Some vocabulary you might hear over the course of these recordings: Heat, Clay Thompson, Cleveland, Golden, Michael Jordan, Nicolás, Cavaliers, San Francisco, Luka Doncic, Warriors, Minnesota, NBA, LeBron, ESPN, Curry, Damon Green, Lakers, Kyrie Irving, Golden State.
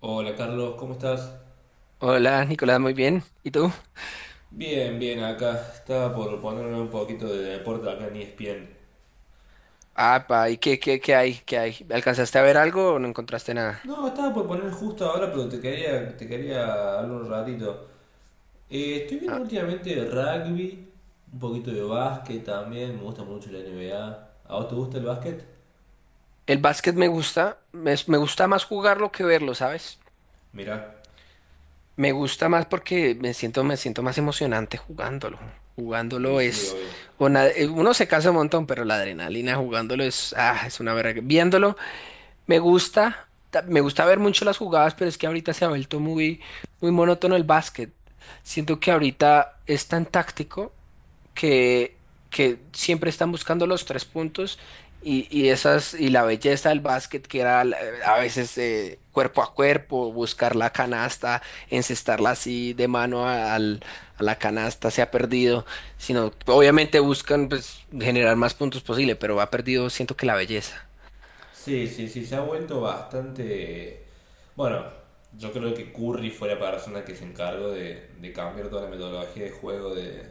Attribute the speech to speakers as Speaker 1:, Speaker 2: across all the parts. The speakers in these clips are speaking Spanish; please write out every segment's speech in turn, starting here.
Speaker 1: Hola Carlos, ¿cómo estás?
Speaker 2: Hola, Nicolás, muy bien. ¿Y tú?
Speaker 1: Bien, bien, acá. Estaba por ponerme un poquito de deporte acá en ESPN.
Speaker 2: Apa, ¿y qué hay? ¿Qué hay? ¿Alcanzaste a ver algo o no encontraste nada?
Speaker 1: No, estaba por poner justo ahora, pero te quería hablar un ratito. Estoy viendo
Speaker 2: Ah,
Speaker 1: últimamente rugby, un poquito de básquet también, me gusta mucho la NBA. ¿A vos te gusta el básquet?
Speaker 2: el básquet me gusta, me gusta más jugarlo que verlo, ¿sabes?
Speaker 1: Mirá.
Speaker 2: Me gusta más porque me siento más emocionante jugándolo.
Speaker 1: Y
Speaker 2: Jugándolo
Speaker 1: sí,
Speaker 2: es,
Speaker 1: obvio.
Speaker 2: uno se cansa un montón, pero la adrenalina jugándolo es, es una verga. Viéndolo, me gusta, me gusta ver mucho las jugadas, pero es que ahorita se ha vuelto muy monótono el básquet. Siento que ahorita es tan táctico que, que siempre están buscando los tres puntos y esas y la belleza del básquet que era a veces cuerpo a cuerpo, buscar la canasta, encestarla así de mano a la canasta se ha perdido, sino obviamente buscan pues, generar más puntos posible, pero ha perdido siento que la belleza.
Speaker 1: Sí, sí, sí, se ha vuelto bastante. Bueno, yo creo que Curry fue la persona que se encargó de cambiar toda la metodología de juego de,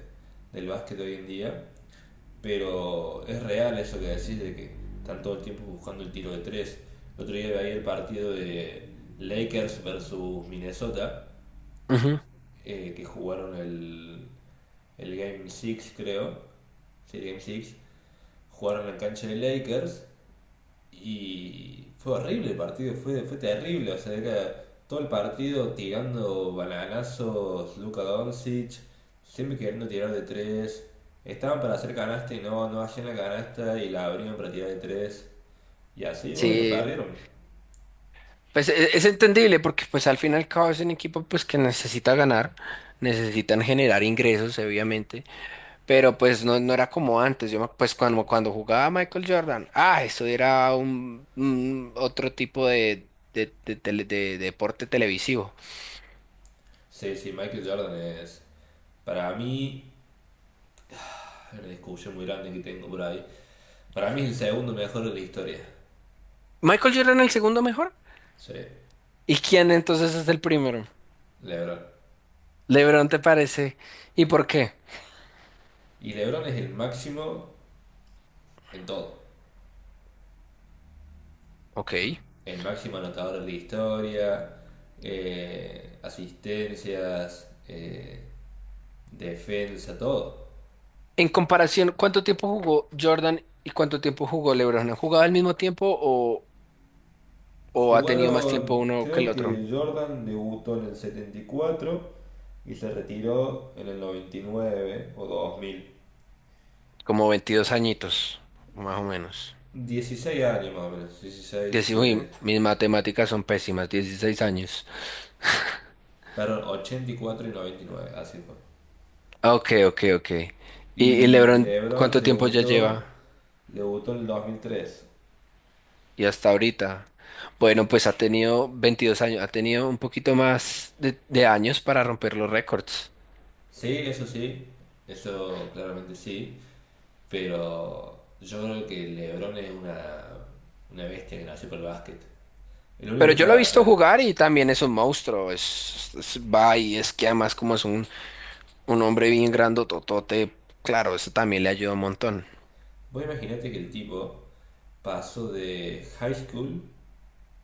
Speaker 1: del básquet hoy en día, pero es real eso que decís de que están todo el tiempo buscando el tiro de tres. El otro día veía el partido de Lakers versus Minnesota,
Speaker 2: Ujú.
Speaker 1: que jugaron el Game 6 creo, sí, el Game 6, jugaron en la cancha de Lakers y fue horrible el partido, fue terrible. O sea, era todo el partido tirando bananazos, Luka Doncic, siempre queriendo tirar de tres. Estaban para hacer canasta y no, no hacían la canasta y la abrían para tirar de tres. Y así, bueno, lo
Speaker 2: Sí,
Speaker 1: perdieron.
Speaker 2: pues es entendible porque pues al fin y al cabo es un equipo pues que necesita ganar, necesitan generar ingresos obviamente, pero pues no, no era como antes, pues cuando jugaba Michael Jordan, eso era un otro tipo de, de deporte televisivo.
Speaker 1: Sí, sí, Michael Jordan es, para mí, una discusión muy grande que tengo por ahí. Para mí es el segundo mejor de la historia.
Speaker 2: ¿Michael Jordan el segundo mejor,
Speaker 1: Sí,
Speaker 2: y quién entonces es el primero?
Speaker 1: LeBron.
Speaker 2: ¿LeBron te parece, y por qué?
Speaker 1: Y LeBron es el máximo en todo.
Speaker 2: Ok.
Speaker 1: El máximo anotador de la historia, asistencias, defensa, todo.
Speaker 2: En comparación, ¿cuánto tiempo jugó Jordan y cuánto tiempo jugó LeBron? ¿Han jugado al mismo tiempo o ha tenido más tiempo
Speaker 1: Jugaron,
Speaker 2: uno que
Speaker 1: creo
Speaker 2: el otro?
Speaker 1: que Jordan debutó en el setenta y cuatro y se retiró en el 99 o 2000.
Speaker 2: Como 22 añitos, más o menos.
Speaker 1: 16 años más o menos, 16,
Speaker 2: Uy,
Speaker 1: 17 años.
Speaker 2: mis matemáticas son pésimas, 16 años.
Speaker 1: Perdón, 84 y cuatro y noventa y nueve así fue.
Speaker 2: Ah, ok, ok, ok. ¿Y
Speaker 1: Y
Speaker 2: LeBron cuánto tiempo ya lleva?
Speaker 1: Debutó en el 2003.
Speaker 2: Y hasta ahorita. Bueno, pues ha tenido 22 años, ha tenido un poquito más de años para romper los récords.
Speaker 1: Sí, eso claramente sí. Pero yo creo que LeBron es una bestia que nació para el básquet. Es lo único
Speaker 2: Pero
Speaker 1: que
Speaker 2: yo lo
Speaker 1: sabe
Speaker 2: he visto
Speaker 1: hacer.
Speaker 2: jugar y también es un monstruo. Va y es que además como es un hombre bien grandototote, claro, eso también le ayuda un montón.
Speaker 1: Vos imaginate que el tipo pasó de high school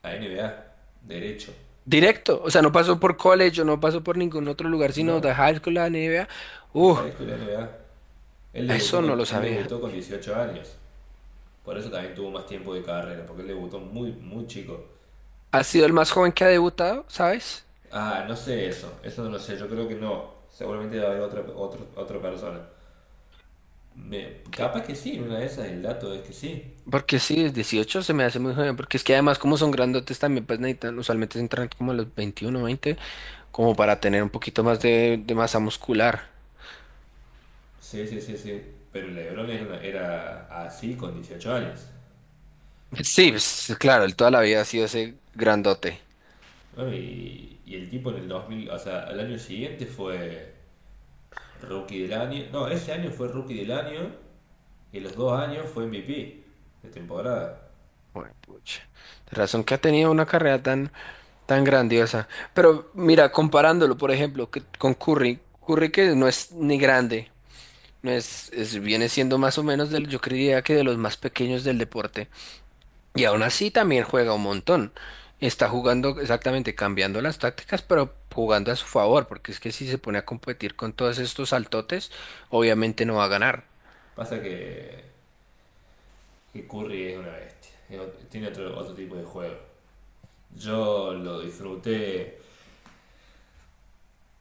Speaker 1: a NBA, derecho,
Speaker 2: Directo, o sea, no pasó por college o no pasó por ningún otro lugar, sino
Speaker 1: ¿no?
Speaker 2: de high school a NBA.
Speaker 1: De
Speaker 2: Uh,
Speaker 1: high school a NBA.
Speaker 2: eso no lo
Speaker 1: Él
Speaker 2: sabía.
Speaker 1: debutó con 18 años. Por eso también tuvo más tiempo de carrera, porque él debutó muy, muy chico.
Speaker 2: Ha sido el más joven que ha debutado, ¿sabes?
Speaker 1: Ah, no sé eso, eso no lo sé, yo creo que no. Seguramente va a haber otra persona.
Speaker 2: Que,
Speaker 1: Capaz que sí, una de esas el dato es que sí.
Speaker 2: porque sí, es 18 se me hace muy joven, porque es que además como son grandotes también, pues necesitan, usualmente se entran como a los 21, 20, como para tener un poquito más de masa muscular.
Speaker 1: Sí, sí, sí, sí. Pero LeBron era así con 18 años.
Speaker 2: Sí, pues, sí, claro, él toda la vida ha sido ese grandote.
Speaker 1: Bueno, y el tipo en el 2000, o sea, al año siguiente fue rookie del año. No, ese año fue rookie del año y los dos años fue MVP de temporada.
Speaker 2: Joder, pucha. De razón que ha tenido una carrera tan tan grandiosa. Pero mira, comparándolo, por ejemplo, con Curry, Curry que no es ni grande, no es, es- viene siendo más o menos del, yo creería que de los más pequeños del deporte. Y aún así también juega un montón. Está jugando exactamente, cambiando las tácticas, pero jugando a su favor, porque es que si se pone a competir con todos estos saltotes, obviamente no va a ganar.
Speaker 1: Pasa que Curry es una bestia. Tiene otro tipo de juego. Yo lo disfruté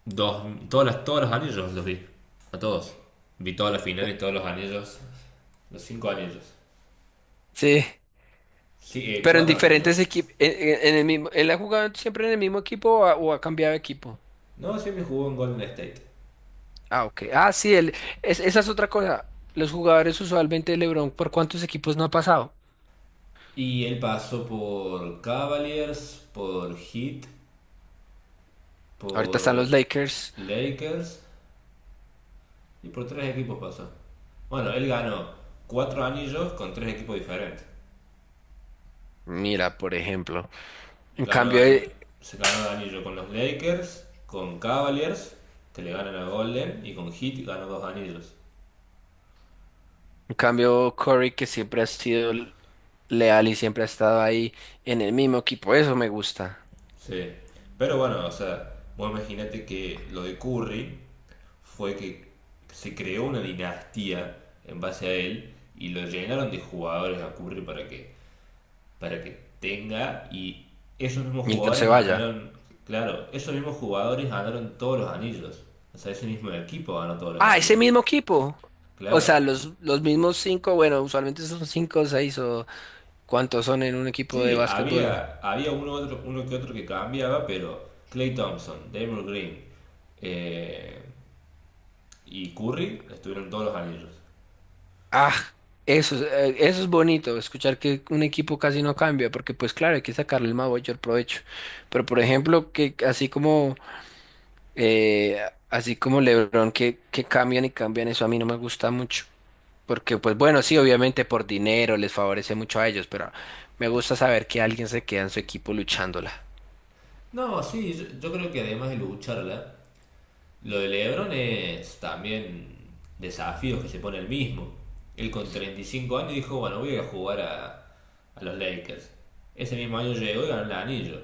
Speaker 1: dos, todos los anillos los vi. A todos. Vi todas las finales, todos los anillos. Los cinco anillos.
Speaker 2: Sí,
Speaker 1: Sí,
Speaker 2: pero en
Speaker 1: cuatro
Speaker 2: diferentes
Speaker 1: anillos.
Speaker 2: equipos, en el mismo, él ha jugado siempre en el mismo equipo o ha cambiado de equipo.
Speaker 1: No, siempre jugó en Golden State.
Speaker 2: Ah, ok. Ah, sí, esa es otra cosa. Los jugadores usualmente de LeBron, ¿por cuántos equipos no ha pasado?
Speaker 1: Y él pasó por Cavaliers, por Heat,
Speaker 2: Ahorita están los
Speaker 1: por
Speaker 2: Lakers.
Speaker 1: Lakers y por tres equipos pasó. Bueno, él ganó cuatro anillos con tres equipos diferentes.
Speaker 2: Mira, por ejemplo. En
Speaker 1: Ganó
Speaker 2: cambio,
Speaker 1: ani-
Speaker 2: eh,
Speaker 1: se ganó el anillo con los Lakers, con Cavaliers, que le ganan a Golden, y con Heat ganó dos anillos.
Speaker 2: en cambio Curry, que siempre ha sido leal y siempre ha estado ahí en el mismo equipo. Eso me gusta.
Speaker 1: Sí. Pero bueno, o sea, vos imaginate que lo de Curry fue que se creó una dinastía en base a él y lo llenaron de jugadores a Curry para que tenga y esos mismos
Speaker 2: Y no se
Speaker 1: jugadores
Speaker 2: vaya.
Speaker 1: ganaron, claro, esos mismos jugadores ganaron todos los anillos. O sea, ese mismo equipo ganó todos los
Speaker 2: Ah, ese
Speaker 1: anillos.
Speaker 2: mismo equipo. O
Speaker 1: Claro.
Speaker 2: sea, los mismos cinco, bueno, usualmente son cinco o seis o cuántos son en un equipo de
Speaker 1: Sí,
Speaker 2: básquetbol.
Speaker 1: había uno, otro, uno que otro que cambiaba, pero Clay Thompson, Damon Green, eh, y Curry estuvieron todos los anillos.
Speaker 2: Ah, eso, eso es bonito, escuchar que un equipo casi no cambia, porque pues claro, hay que sacarle el mayor provecho. Pero por ejemplo, que eh, así como LeBron que cambian y cambian, eso a mí no me gusta mucho. Porque pues bueno, sí, obviamente por dinero les favorece mucho a ellos, pero me gusta saber que alguien se queda en su equipo luchándola.
Speaker 1: No, sí, yo creo que además de lucharla, lo de LeBron es también desafíos que se pone el mismo. Él con 35 años dijo, bueno, voy a jugar a los Lakers. Ese mismo año llegó y ganó el anillo.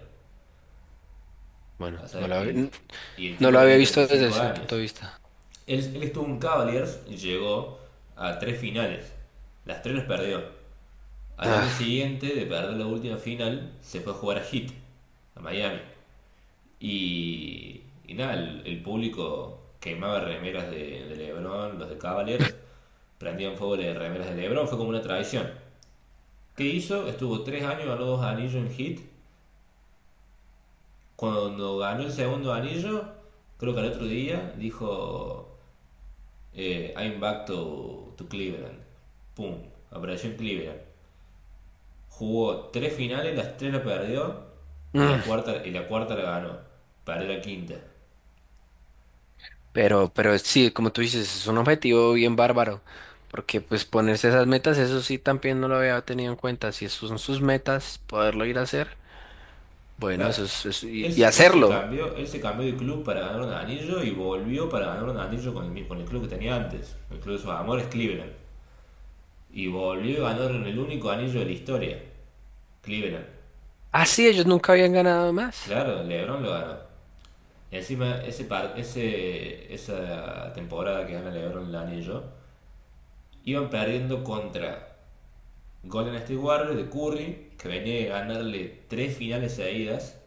Speaker 1: O
Speaker 2: Bueno,
Speaker 1: sea, y el
Speaker 2: no
Speaker 1: tipo
Speaker 2: lo había
Speaker 1: tenía treinta y
Speaker 2: visto desde
Speaker 1: cinco
Speaker 2: ese punto
Speaker 1: años.
Speaker 2: de vista.
Speaker 1: Él estuvo en Cavaliers y llegó a tres finales. Las tres las perdió. Al año
Speaker 2: Ah,
Speaker 1: siguiente de perder la última final, se fue a jugar a Heat, a Miami. Y nada, el público quemaba remeras de Lebron, los de Cavaliers, prendían fuego de remeras de Lebron, fue como una tradición. ¿Qué hizo? Estuvo tres años, ganó dos anillos en Heat. Cuando ganó el segundo anillo, creo que al otro día, dijo, I'm back to Cleveland. Pum, apareció en Cleveland. Jugó tres finales, las tres la perdió y la
Speaker 2: mm.
Speaker 1: cuarta, y la, cuarta la ganó. Perdió la quinta.
Speaker 2: Pero sí, como tú dices, es un objetivo bien bárbaro, porque pues ponerse esas metas, eso sí también no lo había tenido en cuenta. Si son sus metas, poderlo ir a hacer, bueno,
Speaker 1: Claro, él,
Speaker 2: y
Speaker 1: se- él se
Speaker 2: hacerlo.
Speaker 1: cambió, él se cambió de club para ganar un anillo y volvió para ganar un anillo con el club que tenía antes, el club de sus amores, Cleveland. Y volvió y ganaron el único anillo de la historia, Cleveland.
Speaker 2: Ah, sí, ellos nunca habían ganado más.
Speaker 1: Claro, LeBron lo ganó. Y encima ese, par- ese esa temporada que gana LeBron el anillo, iban perdiendo contra Golden State Warriors de Curry, que venía de ganarle tres finales seguidas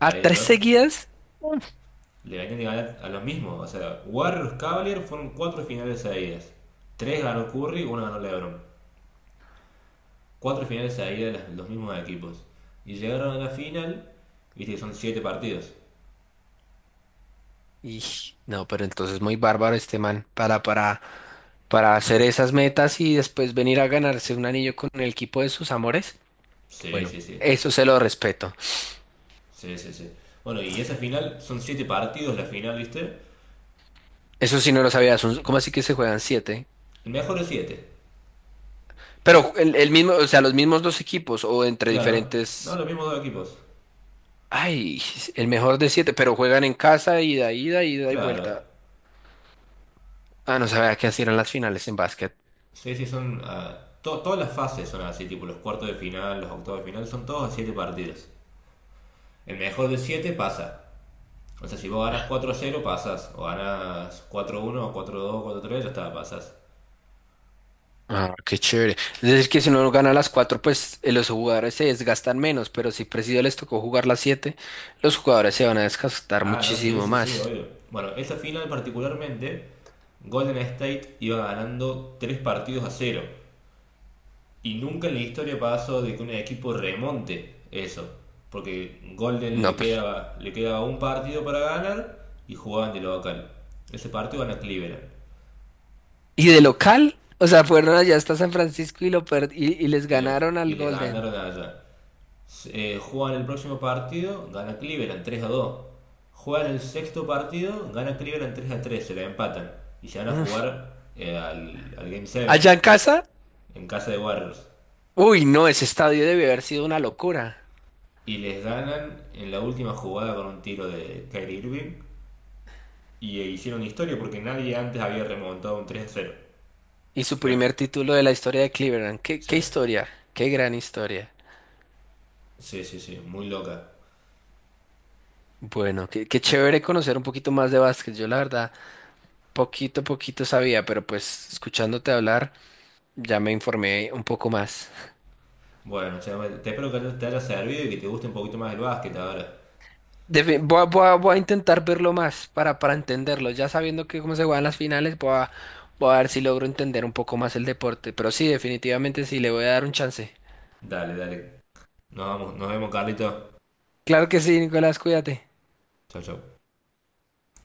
Speaker 1: a
Speaker 2: tres
Speaker 1: ellos,
Speaker 2: seguidas?
Speaker 1: le venían de ganar a los mismos. O sea, Warriors Cavaliers fueron cuatro finales seguidas. Tres ganó Curry, una ganó LeBron. Cuatro finales seguidas los mismos equipos. Y llegaron a la final, viste que son siete partidos.
Speaker 2: Y no, pero entonces muy bárbaro este man para hacer esas metas y después venir a ganarse un anillo con el equipo de sus amores.
Speaker 1: Sí,
Speaker 2: Bueno,
Speaker 1: sí, sí.
Speaker 2: eso se lo respeto.
Speaker 1: Sí, sí, sí. Bueno, y esa final son siete partidos la final, viste.
Speaker 2: Eso sí no lo sabía. ¿Cómo así que se juegan siete?
Speaker 1: El mejor es siete.
Speaker 2: Pero el mismo, o sea, los mismos dos equipos o entre
Speaker 1: Claro. No,
Speaker 2: diferentes.
Speaker 1: los mismos dos equipos.
Speaker 2: Ay, el mejor de siete, pero juegan en casa, ida, ida, ida y
Speaker 1: Claro.
Speaker 2: vuelta. Ah, no sabía que así eran las finales en básquet.
Speaker 1: Sí, sí, son, ah, todas las fases son así, tipo los cuartos de final, los octavos de final, son todos a siete partidos. El mejor de siete pasa. O sea, si vos ganas 4-0, pasás. O ganas 4-1, 4-2, 4-3, ya está, pasás.
Speaker 2: Ah, qué chévere. Es decir, que si uno gana las cuatro, pues los jugadores se desgastan menos, pero si Presidio les tocó jugar las siete, los jugadores se van a desgastar
Speaker 1: Ah, no, sí,
Speaker 2: muchísimo
Speaker 1: sí, sí,
Speaker 2: más.
Speaker 1: obvio. Bueno, esa final particularmente, Golden State iba ganando 3 partidos a cero. Y nunca en la historia pasó de que un equipo remonte eso. Porque Golden
Speaker 2: No, pues.
Speaker 1: le quedaba un partido para ganar y jugaban de local. Ese partido gana Cleveland.
Speaker 2: ¿Y de
Speaker 1: Así que,
Speaker 2: local? O sea, fueron allá hasta San Francisco y lo y les
Speaker 1: y, lo-
Speaker 2: ganaron
Speaker 1: y
Speaker 2: al
Speaker 1: les
Speaker 2: Golden.
Speaker 1: ganaron allá. Juegan el próximo partido, gana Cleveland 3-2. Juegan el sexto partido, gana Cleveland 3-3, se la empatan. Y se van a
Speaker 2: Mm.
Speaker 1: jugar al Game
Speaker 2: Allá
Speaker 1: 7
Speaker 2: en casa.
Speaker 1: en casa de Warriors.
Speaker 2: Uy, no, ese estadio debe haber sido una locura.
Speaker 1: Y les ganan en la última jugada con un tiro de Kyrie Irving. Y hicieron historia porque nadie antes había remontado un 3-0.
Speaker 2: Y su
Speaker 1: Eh,
Speaker 2: primer título de la historia de Cleveland. ¿Qué,
Speaker 1: Sí,
Speaker 2: qué historia? Qué gran historia.
Speaker 1: sí, sí, sí, muy loca.
Speaker 2: Bueno, qué chévere conocer un poquito más de básquet. Yo la verdad, poquito a poquito sabía, pero pues escuchándote hablar, ya me informé un poco más.
Speaker 1: Bueno, che, te espero que te haya servido y que te guste un poquito más el básquet ahora.
Speaker 2: Voy a, voy a intentar verlo más para entenderlo. Ya sabiendo que cómo se juegan las finales, voy a, voy a ver si logro entender un poco más el deporte. Pero sí, definitivamente sí, le voy a dar un chance.
Speaker 1: Dale, dale. Nos vamos, nos vemos, Carlito.
Speaker 2: Claro que sí, Nicolás, cuídate.
Speaker 1: Chau, chau.